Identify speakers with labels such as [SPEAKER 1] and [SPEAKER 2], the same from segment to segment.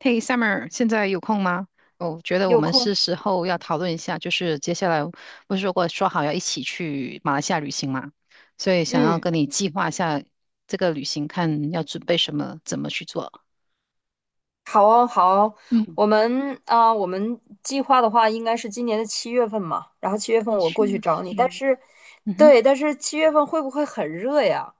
[SPEAKER 1] 嘿，Summer，现在有空吗？我觉得我
[SPEAKER 2] 有
[SPEAKER 1] 们
[SPEAKER 2] 空，
[SPEAKER 1] 是时候要讨论一下，就是接下来不是说过说好要一起去马来西亚旅行嘛，所以想要
[SPEAKER 2] 嗯，
[SPEAKER 1] 跟你计划一下这个旅行，看要准备什么，怎么去做。
[SPEAKER 2] 好哦，好哦，
[SPEAKER 1] 嗯，
[SPEAKER 2] 我们计划的话应该是今年的七月份嘛，然后七月份我
[SPEAKER 1] 七
[SPEAKER 2] 过去
[SPEAKER 1] 月
[SPEAKER 2] 找你，但
[SPEAKER 1] 份，
[SPEAKER 2] 是，
[SPEAKER 1] 嗯哼，
[SPEAKER 2] 对，但是七月份会不会很热呀？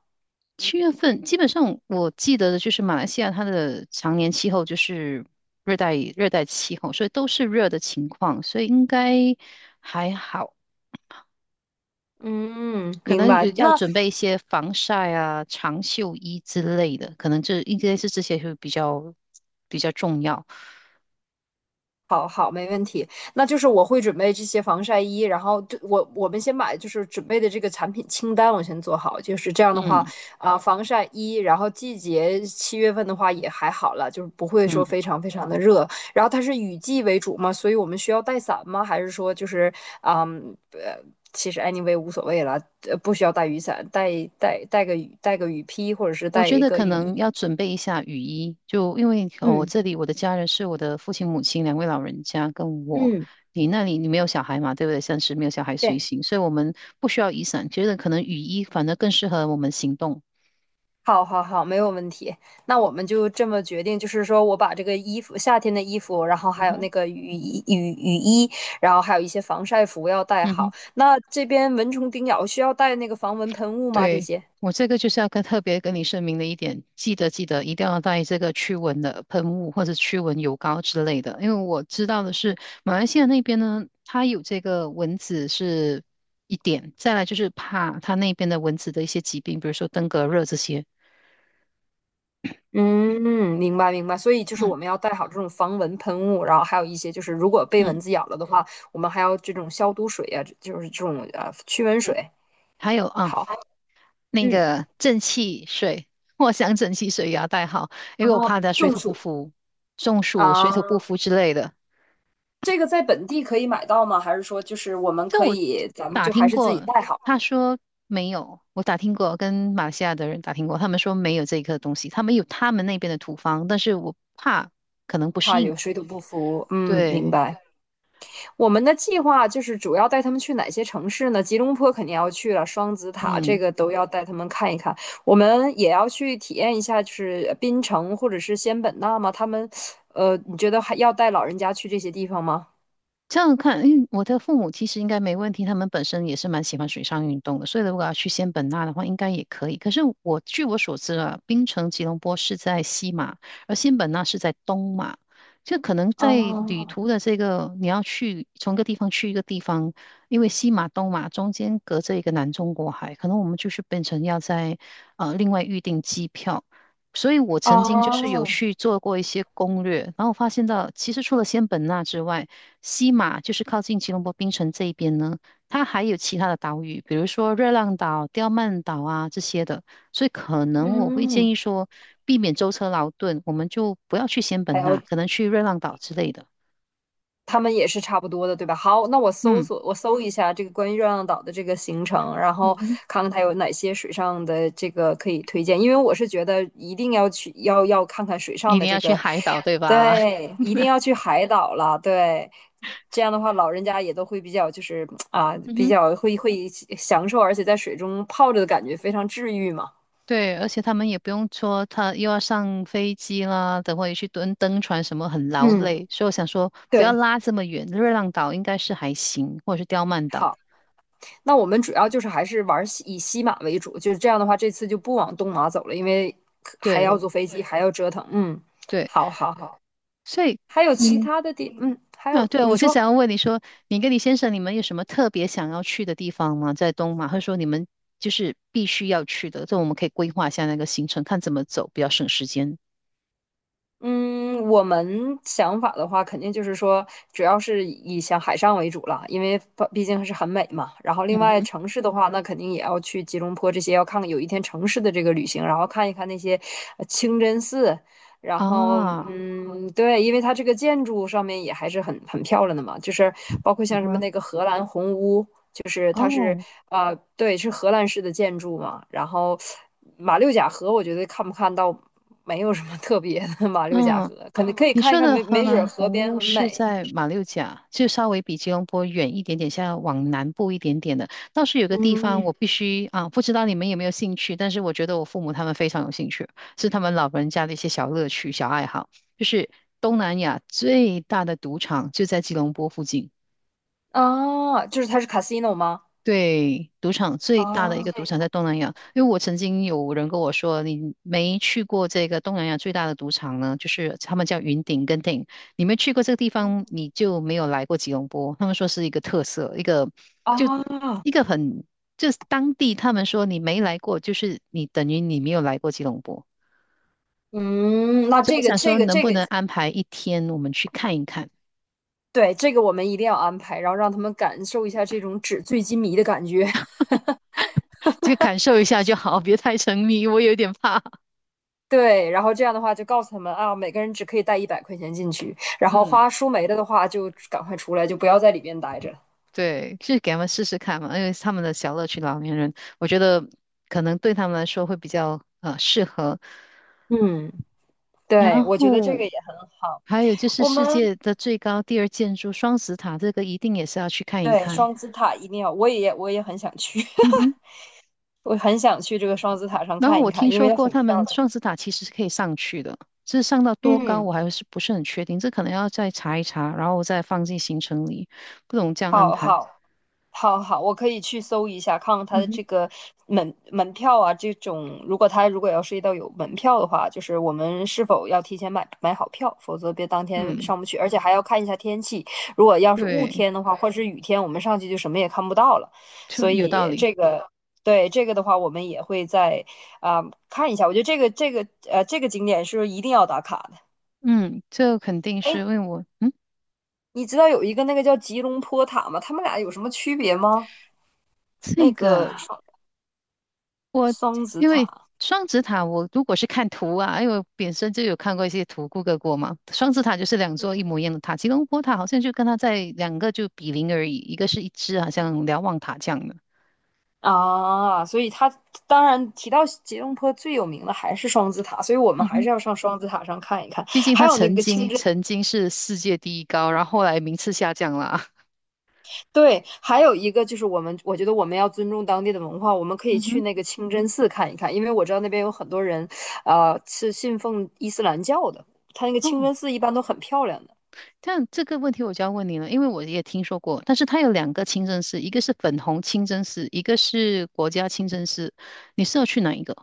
[SPEAKER 1] 七月份基本上我记得的就是马来西亚它的常年气候就是热带气候，所以都是热的情况，所以应该还好。
[SPEAKER 2] 嗯，
[SPEAKER 1] 可
[SPEAKER 2] 明
[SPEAKER 1] 能
[SPEAKER 2] 白。
[SPEAKER 1] 有要
[SPEAKER 2] 那
[SPEAKER 1] 准备一些防晒啊、长袖衣之类的，可能这应该是这些会比较重要。
[SPEAKER 2] 那就是我会准备这些防晒衣，然后就我们先把就是准备的这个产品清单我先做好，就是这样的话
[SPEAKER 1] 嗯
[SPEAKER 2] 防晒衣，然后季节七月份的话也还好了，就是不会说
[SPEAKER 1] 嗯，
[SPEAKER 2] 非常非常的热，然后它是雨季为主嘛，所以我们需要带伞吗？还是说就是啊呃，其实 anyway 无所谓了，不需要带雨伞，带个雨披或者是
[SPEAKER 1] 我
[SPEAKER 2] 带
[SPEAKER 1] 觉
[SPEAKER 2] 一
[SPEAKER 1] 得
[SPEAKER 2] 个
[SPEAKER 1] 可
[SPEAKER 2] 雨
[SPEAKER 1] 能
[SPEAKER 2] 衣。
[SPEAKER 1] 要准备一下雨衣，就因为我
[SPEAKER 2] 嗯
[SPEAKER 1] 这里我的家人是我的父亲、母亲两位老人家跟我。
[SPEAKER 2] 嗯，
[SPEAKER 1] 你那里你没有小孩嘛，对不对？暂时没有小孩随
[SPEAKER 2] 对。
[SPEAKER 1] 行，所以我们不需要雨伞，觉得可能雨衣反而更适合我们行动。
[SPEAKER 2] 好，好，好，没有问题。那我们就这么决定，就是说我把这个衣服，夏天的衣服，然后
[SPEAKER 1] 嗯
[SPEAKER 2] 还有
[SPEAKER 1] 哼，
[SPEAKER 2] 那个雨衣，然后还有一些防晒服要带
[SPEAKER 1] 嗯哼。
[SPEAKER 2] 好。那这边蚊虫叮咬需要带那个防蚊喷雾吗？这
[SPEAKER 1] 对，
[SPEAKER 2] 些？
[SPEAKER 1] 我这个就是要跟特别跟你声明的一点，记得记得一定要带这个驱蚊的喷雾或者驱蚊油膏之类的，因为我知道的是马来西亚那边呢，它有这个蚊子是一点，再来就是怕它那边的蚊子的一些疾病，比如说登革热这些。
[SPEAKER 2] 嗯，明白明白。所以就是
[SPEAKER 1] 嗯
[SPEAKER 2] 我们要带好这种防蚊喷雾，然后还有一些就是如果被蚊
[SPEAKER 1] 嗯
[SPEAKER 2] 子咬了的话，我们还要这种消毒水呀、就是这种驱蚊
[SPEAKER 1] 嗯，
[SPEAKER 2] 水。
[SPEAKER 1] 还有啊，
[SPEAKER 2] 好，
[SPEAKER 1] 那
[SPEAKER 2] 嗯，
[SPEAKER 1] 个正气水，藿香正气水也要带好，因
[SPEAKER 2] 然
[SPEAKER 1] 为我
[SPEAKER 2] 后
[SPEAKER 1] 怕它水
[SPEAKER 2] 中
[SPEAKER 1] 土不
[SPEAKER 2] 暑
[SPEAKER 1] 服、中暑、水土不
[SPEAKER 2] 啊。
[SPEAKER 1] 服之类的。
[SPEAKER 2] 这个在本地可以买到吗？还是说就是我们
[SPEAKER 1] 就
[SPEAKER 2] 可
[SPEAKER 1] 我
[SPEAKER 2] 以，咱们
[SPEAKER 1] 打
[SPEAKER 2] 就还
[SPEAKER 1] 听
[SPEAKER 2] 是自己
[SPEAKER 1] 过，
[SPEAKER 2] 带好，
[SPEAKER 1] 他说没有。我打听过，跟马来西亚的人打听过，他们说没有这一个东西，他们有他们那边的土方，但是我怕可能不适
[SPEAKER 2] 怕
[SPEAKER 1] 应。
[SPEAKER 2] 有水土不服？嗯，明
[SPEAKER 1] 对，
[SPEAKER 2] 白。我们的计划就是主要带他们去哪些城市呢？吉隆坡肯定要去了，双子塔这
[SPEAKER 1] 嗯。
[SPEAKER 2] 个都要带他们看一看。我们也要去体验一下，就是槟城或者是仙本那吗？他们，你觉得还要带老人家去这些地方吗？
[SPEAKER 1] 这样看，因为我的父母其实应该没问题，他们本身也是蛮喜欢水上运动的，所以如果要去仙本那的话，应该也可以。可是我据我所知啊，槟城吉隆坡是在西马，而仙本那是在东马，就可能在旅
[SPEAKER 2] 哦
[SPEAKER 1] 途的这个你要去从一个地方去一个地方，因为西马东马中间隔着一个南中国海，可能我们就是变成要在另外预订机票。所以我曾经就是有
[SPEAKER 2] 哦，
[SPEAKER 1] 去做过一些攻略，然后发现到其实除了仙本那之外，西马就是靠近吉隆坡槟城这一边呢，它还有其他的岛屿，比如说热浪岛、刁曼岛啊这些的，所以可能我会建
[SPEAKER 2] 嗯，
[SPEAKER 1] 议说，避免舟车劳顿，我们就不要去仙
[SPEAKER 2] 还
[SPEAKER 1] 本那，
[SPEAKER 2] 要
[SPEAKER 1] 可能去热浪岛之类的。
[SPEAKER 2] 他们也是差不多的，对吧？好，那我搜
[SPEAKER 1] 嗯
[SPEAKER 2] 索，我搜一下这个关于热浪岛的这个行程，然
[SPEAKER 1] 嗯
[SPEAKER 2] 后
[SPEAKER 1] 哼，
[SPEAKER 2] 看看它有哪些水上的这个可以推荐。因为我是觉得一定要去，要看看水上
[SPEAKER 1] 一
[SPEAKER 2] 的
[SPEAKER 1] 定要
[SPEAKER 2] 这
[SPEAKER 1] 去
[SPEAKER 2] 个，
[SPEAKER 1] 海岛，对吧？
[SPEAKER 2] 对，一定要去海岛了，对。这样的话，老人家也都会比较就是啊，
[SPEAKER 1] 嗯
[SPEAKER 2] 比
[SPEAKER 1] 哼，
[SPEAKER 2] 较会会享受，而且在水中泡着的感觉非常治愈嘛。
[SPEAKER 1] 对，而且他们也不用说他又要上飞机啦，等会去蹲登船什么很劳
[SPEAKER 2] 嗯，
[SPEAKER 1] 累，所以我想说不要
[SPEAKER 2] 对，
[SPEAKER 1] 拉这么远，热浪岛应该是还行，或者是刁曼岛。
[SPEAKER 2] 好。那我们主要就是还是玩以西马为主，就是这样的话，这次就不往东马走了，因为还要
[SPEAKER 1] 对。
[SPEAKER 2] 坐飞机，还要折腾。嗯，
[SPEAKER 1] 对。
[SPEAKER 2] 好好好，
[SPEAKER 1] 所以
[SPEAKER 2] 还有其
[SPEAKER 1] 你
[SPEAKER 2] 他的地，嗯，还
[SPEAKER 1] 啊，
[SPEAKER 2] 有
[SPEAKER 1] 对啊，
[SPEAKER 2] 你
[SPEAKER 1] 我就
[SPEAKER 2] 说，
[SPEAKER 1] 想要问你说，你跟你先生你们有什么特别想要去的地方吗？在东马，或者说你们就是必须要去的，这我们可以规划一下那个行程，看怎么走比较省时间。
[SPEAKER 2] 嗯，我们想法的话，肯定就是说，主要是以像海上为主了，因为毕竟是很美嘛。然后
[SPEAKER 1] 嗯
[SPEAKER 2] 另外
[SPEAKER 1] 哼，
[SPEAKER 2] 城市的话，那肯定也要去吉隆坡这些，要看看有一天城市的这个旅行，然后看一看那些清真寺。然后，
[SPEAKER 1] 啊，
[SPEAKER 2] 嗯，对，因为它这个建筑上面也还是很漂亮的嘛，就是包括
[SPEAKER 1] 嗯
[SPEAKER 2] 像什么
[SPEAKER 1] 哼，
[SPEAKER 2] 那个荷兰红屋。就是它是
[SPEAKER 1] 哦，
[SPEAKER 2] 对，是荷兰式的建筑嘛。然后马六甲河，我觉得看不看到没有什么特别的马六甲
[SPEAKER 1] 嗯。
[SPEAKER 2] 河，可能可以
[SPEAKER 1] 你
[SPEAKER 2] 看一
[SPEAKER 1] 说
[SPEAKER 2] 看，
[SPEAKER 1] 的
[SPEAKER 2] 没
[SPEAKER 1] 荷
[SPEAKER 2] 没准
[SPEAKER 1] 兰
[SPEAKER 2] 河
[SPEAKER 1] 红
[SPEAKER 2] 边
[SPEAKER 1] 屋
[SPEAKER 2] 很
[SPEAKER 1] 是
[SPEAKER 2] 美。
[SPEAKER 1] 在马六甲，就稍微比吉隆坡远一点点，像往南部一点点的。倒是有个地方
[SPEAKER 2] 嗯，
[SPEAKER 1] 我必须啊，不知道你们有没有兴趣，但是我觉得我父母他们非常有兴趣，是他们老人家的一些小乐趣、小爱好。就是东南亚最大的赌场就在吉隆坡附近，
[SPEAKER 2] 啊，就是它是 casino 吗？
[SPEAKER 1] 对，赌场
[SPEAKER 2] 啊
[SPEAKER 1] 最大的一个赌场在东南亚，因为我曾经有人跟我说，你没去过这个东南亚最大的赌场呢，就是他们叫云顶跟顶，你没去过这个地方，你就没有来过吉隆坡。他们说是一个特色，一个就
[SPEAKER 2] 啊，
[SPEAKER 1] 一个很，就是当地他们说你没来过，就是你等于你没有来过吉隆坡。
[SPEAKER 2] 嗯，那
[SPEAKER 1] 所以我
[SPEAKER 2] 这个
[SPEAKER 1] 想
[SPEAKER 2] 这
[SPEAKER 1] 说，
[SPEAKER 2] 个
[SPEAKER 1] 能
[SPEAKER 2] 这
[SPEAKER 1] 不
[SPEAKER 2] 个，
[SPEAKER 1] 能安排一天我们去看一看，
[SPEAKER 2] 对，这个我们一定要安排，然后让他们感受一下这种纸醉金迷的感觉。
[SPEAKER 1] 就感受一下就好，别太沉迷，我有点怕。
[SPEAKER 2] 对，然后这样的话就告诉他们啊，每个人只可以带100块钱进去，然后
[SPEAKER 1] 嗯。
[SPEAKER 2] 花输没了的话就赶快出来，就不要在里边待着。
[SPEAKER 1] 对，去给他们试试看嘛，因为他们的小乐趣，老年人，我觉得可能对他们来说会比较适合。
[SPEAKER 2] 嗯，
[SPEAKER 1] 然
[SPEAKER 2] 对，我觉得这个也
[SPEAKER 1] 后
[SPEAKER 2] 很好。
[SPEAKER 1] 还有就是
[SPEAKER 2] 我
[SPEAKER 1] 世
[SPEAKER 2] 们
[SPEAKER 1] 界的最高第二建筑双子塔，这个一定也是要去看一
[SPEAKER 2] 对
[SPEAKER 1] 看。
[SPEAKER 2] 双子塔一定要，我也很想去，
[SPEAKER 1] 嗯哼，
[SPEAKER 2] 我很想去这个双子塔上
[SPEAKER 1] 然后
[SPEAKER 2] 看一
[SPEAKER 1] 我
[SPEAKER 2] 看，
[SPEAKER 1] 听
[SPEAKER 2] 因
[SPEAKER 1] 说
[SPEAKER 2] 为
[SPEAKER 1] 过
[SPEAKER 2] 很
[SPEAKER 1] 他
[SPEAKER 2] 漂
[SPEAKER 1] 们
[SPEAKER 2] 亮。
[SPEAKER 1] 双子塔其实是可以上去的，这上到多高
[SPEAKER 2] 嗯。
[SPEAKER 1] 我还是不是很确定，这可能要再查一查，然后我再放进行程里，不懂这样安
[SPEAKER 2] 好
[SPEAKER 1] 排。
[SPEAKER 2] 好好好，我可以去搜一下，看看它
[SPEAKER 1] 嗯
[SPEAKER 2] 的
[SPEAKER 1] 哼，
[SPEAKER 2] 这个门票啊，这种如果它要涉及到有门票的话，就是我们是否要提前买好票，否则别当天上
[SPEAKER 1] 嗯，
[SPEAKER 2] 不去，而且还要看一下天气，如果要是雾
[SPEAKER 1] 对，
[SPEAKER 2] 天的话，或者是雨天，我们上去就什么也看不到了，
[SPEAKER 1] 就
[SPEAKER 2] 所
[SPEAKER 1] 有道
[SPEAKER 2] 以
[SPEAKER 1] 理。
[SPEAKER 2] 这个。对这个的话，我们也会在啊、看一下。我觉得这个景点是一定要打卡的。
[SPEAKER 1] 嗯，这肯定是
[SPEAKER 2] 哎。
[SPEAKER 1] 因为我嗯。
[SPEAKER 2] 你知道有一个那个叫吉隆坡塔吗？他们俩有什么区别吗？
[SPEAKER 1] 这
[SPEAKER 2] 那
[SPEAKER 1] 个
[SPEAKER 2] 个
[SPEAKER 1] 啊
[SPEAKER 2] 双
[SPEAKER 1] 我
[SPEAKER 2] 双子
[SPEAKER 1] 因为
[SPEAKER 2] 塔
[SPEAKER 1] 双子塔，我如果是看图啊，因为我本身就有看过一些图，Google 过嘛。双子塔就是两座一模一样的塔，吉隆坡塔好像就跟它在两个就比邻而已，一个是一只好像瞭望塔这样的。
[SPEAKER 2] 啊，所以它当然提到吉隆坡最有名的还是双子塔，所以我们
[SPEAKER 1] 嗯
[SPEAKER 2] 还
[SPEAKER 1] 哼，
[SPEAKER 2] 是要上双子塔上看一看。
[SPEAKER 1] 毕竟
[SPEAKER 2] 还
[SPEAKER 1] 它
[SPEAKER 2] 有那
[SPEAKER 1] 曾
[SPEAKER 2] 个清
[SPEAKER 1] 经
[SPEAKER 2] 真，
[SPEAKER 1] 曾经是世界第一高，然后后来名次下降了啊
[SPEAKER 2] 对，还有一个就是我们，我觉得我们要尊重当地的文化，我们可以
[SPEAKER 1] 嗯
[SPEAKER 2] 去
[SPEAKER 1] 哼，
[SPEAKER 2] 那个清真寺看一看，因为我知道那边有很多人，是信奉伊斯兰教的，他那个清
[SPEAKER 1] 哦，
[SPEAKER 2] 真寺一般都很漂亮的。
[SPEAKER 1] 但这个问题我就要问你了，因为我也听说过，但是它有两个清真寺，一个是粉红清真寺，一个是国家清真寺，你是要去哪一个？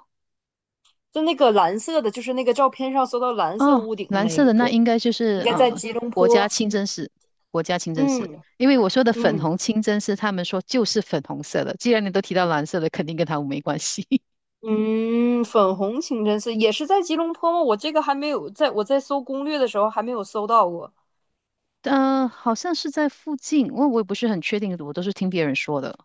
[SPEAKER 2] 就那个蓝色的，就是那个照片上搜到蓝色
[SPEAKER 1] 哦，
[SPEAKER 2] 屋顶
[SPEAKER 1] 蓝色
[SPEAKER 2] 那
[SPEAKER 1] 的那
[SPEAKER 2] 个，
[SPEAKER 1] 应该就
[SPEAKER 2] 应
[SPEAKER 1] 是
[SPEAKER 2] 该在吉隆
[SPEAKER 1] 国家
[SPEAKER 2] 坡。
[SPEAKER 1] 清真寺，国家清真寺。
[SPEAKER 2] 嗯
[SPEAKER 1] 因为我说的粉
[SPEAKER 2] 嗯
[SPEAKER 1] 红清真寺，他们说就是粉红色的。既然你都提到蓝色的，肯定跟他们没关系。
[SPEAKER 2] 嗯，粉红清真寺也是在吉隆坡吗？我这个还没有在，我在搜攻略的时候还没有搜到过。
[SPEAKER 1] 呃，好像是在附近，我也不是很确定，我都是听别人说的。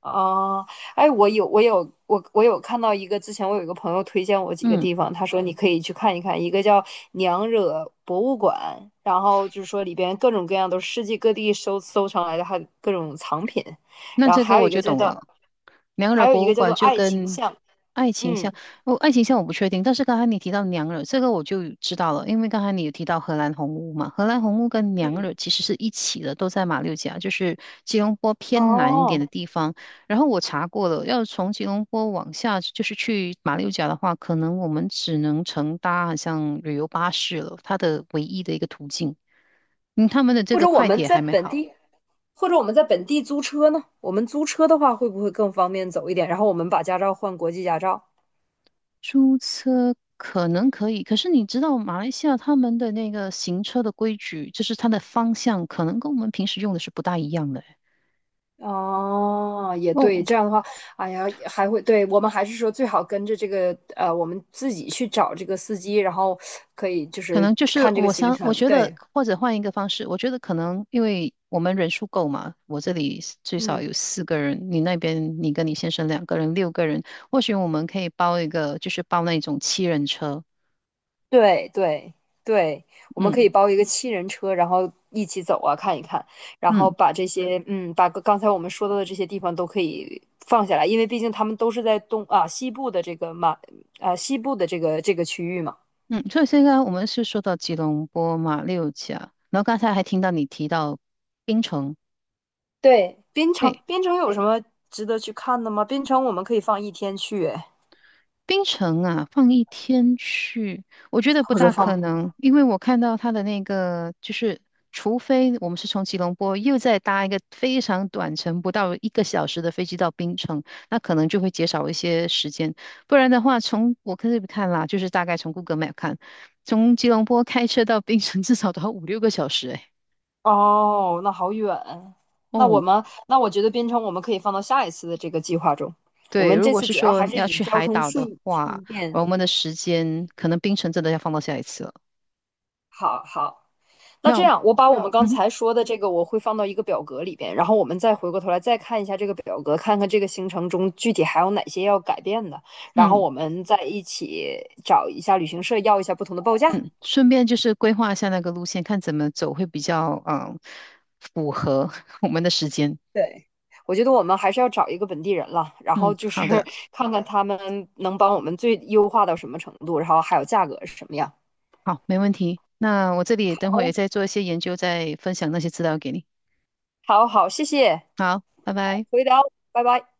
[SPEAKER 2] 啊，哎，我有看到一个，之前我有一个朋友推荐我几个
[SPEAKER 1] 嗯。
[SPEAKER 2] 地方，他说你可以去看一看，一个叫娘惹博物馆，然后就是说里边各种各样都是世界各地收藏来的，还有各种藏品，
[SPEAKER 1] 那
[SPEAKER 2] 然后
[SPEAKER 1] 这个
[SPEAKER 2] 还有
[SPEAKER 1] 我
[SPEAKER 2] 一个
[SPEAKER 1] 就
[SPEAKER 2] 叫
[SPEAKER 1] 懂
[SPEAKER 2] 做
[SPEAKER 1] 了。娘惹
[SPEAKER 2] 还有一
[SPEAKER 1] 博物
[SPEAKER 2] 个叫
[SPEAKER 1] 馆
[SPEAKER 2] 做
[SPEAKER 1] 就
[SPEAKER 2] 爱情
[SPEAKER 1] 跟
[SPEAKER 2] 巷，
[SPEAKER 1] 爱情
[SPEAKER 2] 嗯，
[SPEAKER 1] 像，哦，爱情像我不确定，但是刚才你提到娘惹，这个我就知道了，因为刚才你有提到荷兰红屋嘛，荷兰红屋跟娘惹
[SPEAKER 2] 嗯，
[SPEAKER 1] 其实是一起的，都在马六甲，就是吉隆坡偏南一点的
[SPEAKER 2] 哦，
[SPEAKER 1] 地方。然后我查过了，要从吉隆坡往下就是去马六甲的话，可能我们只能乘搭好像旅游巴士了，它的唯一的一个途径。嗯，他们的这
[SPEAKER 2] 或者
[SPEAKER 1] 个
[SPEAKER 2] 我
[SPEAKER 1] 快
[SPEAKER 2] 们
[SPEAKER 1] 铁
[SPEAKER 2] 在
[SPEAKER 1] 还没
[SPEAKER 2] 本
[SPEAKER 1] 好。
[SPEAKER 2] 地，或者我们在本地租车呢？我们租车的话，会不会更方便走一点？然后我们把驾照换国际驾照。
[SPEAKER 1] 租车可能可以，可是你知道马来西亚他们的那个行车的规矩，就是它的方向可能跟我们平时用的是不大一样的欸
[SPEAKER 2] 哦，也对，
[SPEAKER 1] 哦，
[SPEAKER 2] 这样的话，哎呀，还会，对，我们还是说最好跟着这个，我们自己去找这个司机，然后可以就
[SPEAKER 1] 可
[SPEAKER 2] 是
[SPEAKER 1] 能就是
[SPEAKER 2] 看这个
[SPEAKER 1] 我
[SPEAKER 2] 行
[SPEAKER 1] 想，我
[SPEAKER 2] 程，
[SPEAKER 1] 觉得
[SPEAKER 2] 对，
[SPEAKER 1] 或者换一个方式，我觉得可能因为我们人数够嘛，我这里是最少
[SPEAKER 2] 嗯。
[SPEAKER 1] 有4个人，你那边你跟你先生2个人，6个人，或许我们可以包一个，就是包那种7人车。
[SPEAKER 2] 对对对，我们可
[SPEAKER 1] 嗯
[SPEAKER 2] 以包一个七人车，然后一起走啊，看一看，然后
[SPEAKER 1] 嗯
[SPEAKER 2] 把这些，嗯，把个刚才我们说到的这些地方都可以放下来，因为毕竟他们都是在东西部的这个马西部的这个区域嘛。
[SPEAKER 1] 嗯，所以现在我们是说到吉隆坡嘛马六甲，然后刚才还听到你提到槟城。
[SPEAKER 2] 对，边城
[SPEAKER 1] 对，
[SPEAKER 2] 边城有什么值得去看的吗？边城我们可以放一天去，哎
[SPEAKER 1] 槟城啊，放一天去，我觉得不
[SPEAKER 2] 或者
[SPEAKER 1] 大可
[SPEAKER 2] 放，
[SPEAKER 1] 能，因为我看到他的那个，就是除非我们是从吉隆坡又再搭一个非常短程，不到1个小时的飞机到槟城，那可能就会减少一些时间。不然的话，从我可以看啦，就是大概从 Google Map 看，从吉隆坡开车到槟城 至少都要5、6个小时诶。
[SPEAKER 2] 哦，那好远。那我
[SPEAKER 1] 哦，
[SPEAKER 2] 们那我觉得边城我们可以放到下一次的这个计划中。我
[SPEAKER 1] 对，
[SPEAKER 2] 们
[SPEAKER 1] 如
[SPEAKER 2] 这
[SPEAKER 1] 果
[SPEAKER 2] 次
[SPEAKER 1] 是
[SPEAKER 2] 主要
[SPEAKER 1] 说
[SPEAKER 2] 还是
[SPEAKER 1] 要
[SPEAKER 2] 以
[SPEAKER 1] 去
[SPEAKER 2] 交
[SPEAKER 1] 海
[SPEAKER 2] 通
[SPEAKER 1] 岛的
[SPEAKER 2] 顺
[SPEAKER 1] 话，
[SPEAKER 2] 顺便
[SPEAKER 1] 我们的时间可能槟城真的要放到下一次了。
[SPEAKER 2] 好好，那
[SPEAKER 1] 那
[SPEAKER 2] 这样我把我们刚
[SPEAKER 1] 嗯。
[SPEAKER 2] 才说的这个我会放到一个表格里边，然后我们再回过头来再看一下这个表格，看看这个行程中具体还有哪些要改变的，然后
[SPEAKER 1] 嗯，
[SPEAKER 2] 我们再一起找一下旅行社要一下不同的报价。
[SPEAKER 1] 嗯，顺便就是规划一下那个路线，看怎么走会比较嗯符合 我们的时间。
[SPEAKER 2] 对，我觉得我们还是要找一个本地人了，然后
[SPEAKER 1] 嗯，
[SPEAKER 2] 就是
[SPEAKER 1] 好的，
[SPEAKER 2] 看看他们能帮我们最优化到什么程度，然后还有价格是什么样。
[SPEAKER 1] 好，没问题。那我这里等会也
[SPEAKER 2] 好，
[SPEAKER 1] 再做一些研究，再分享那些资料给你。
[SPEAKER 2] 好，好，谢谢，
[SPEAKER 1] 好，拜拜。
[SPEAKER 2] 回聊，拜拜。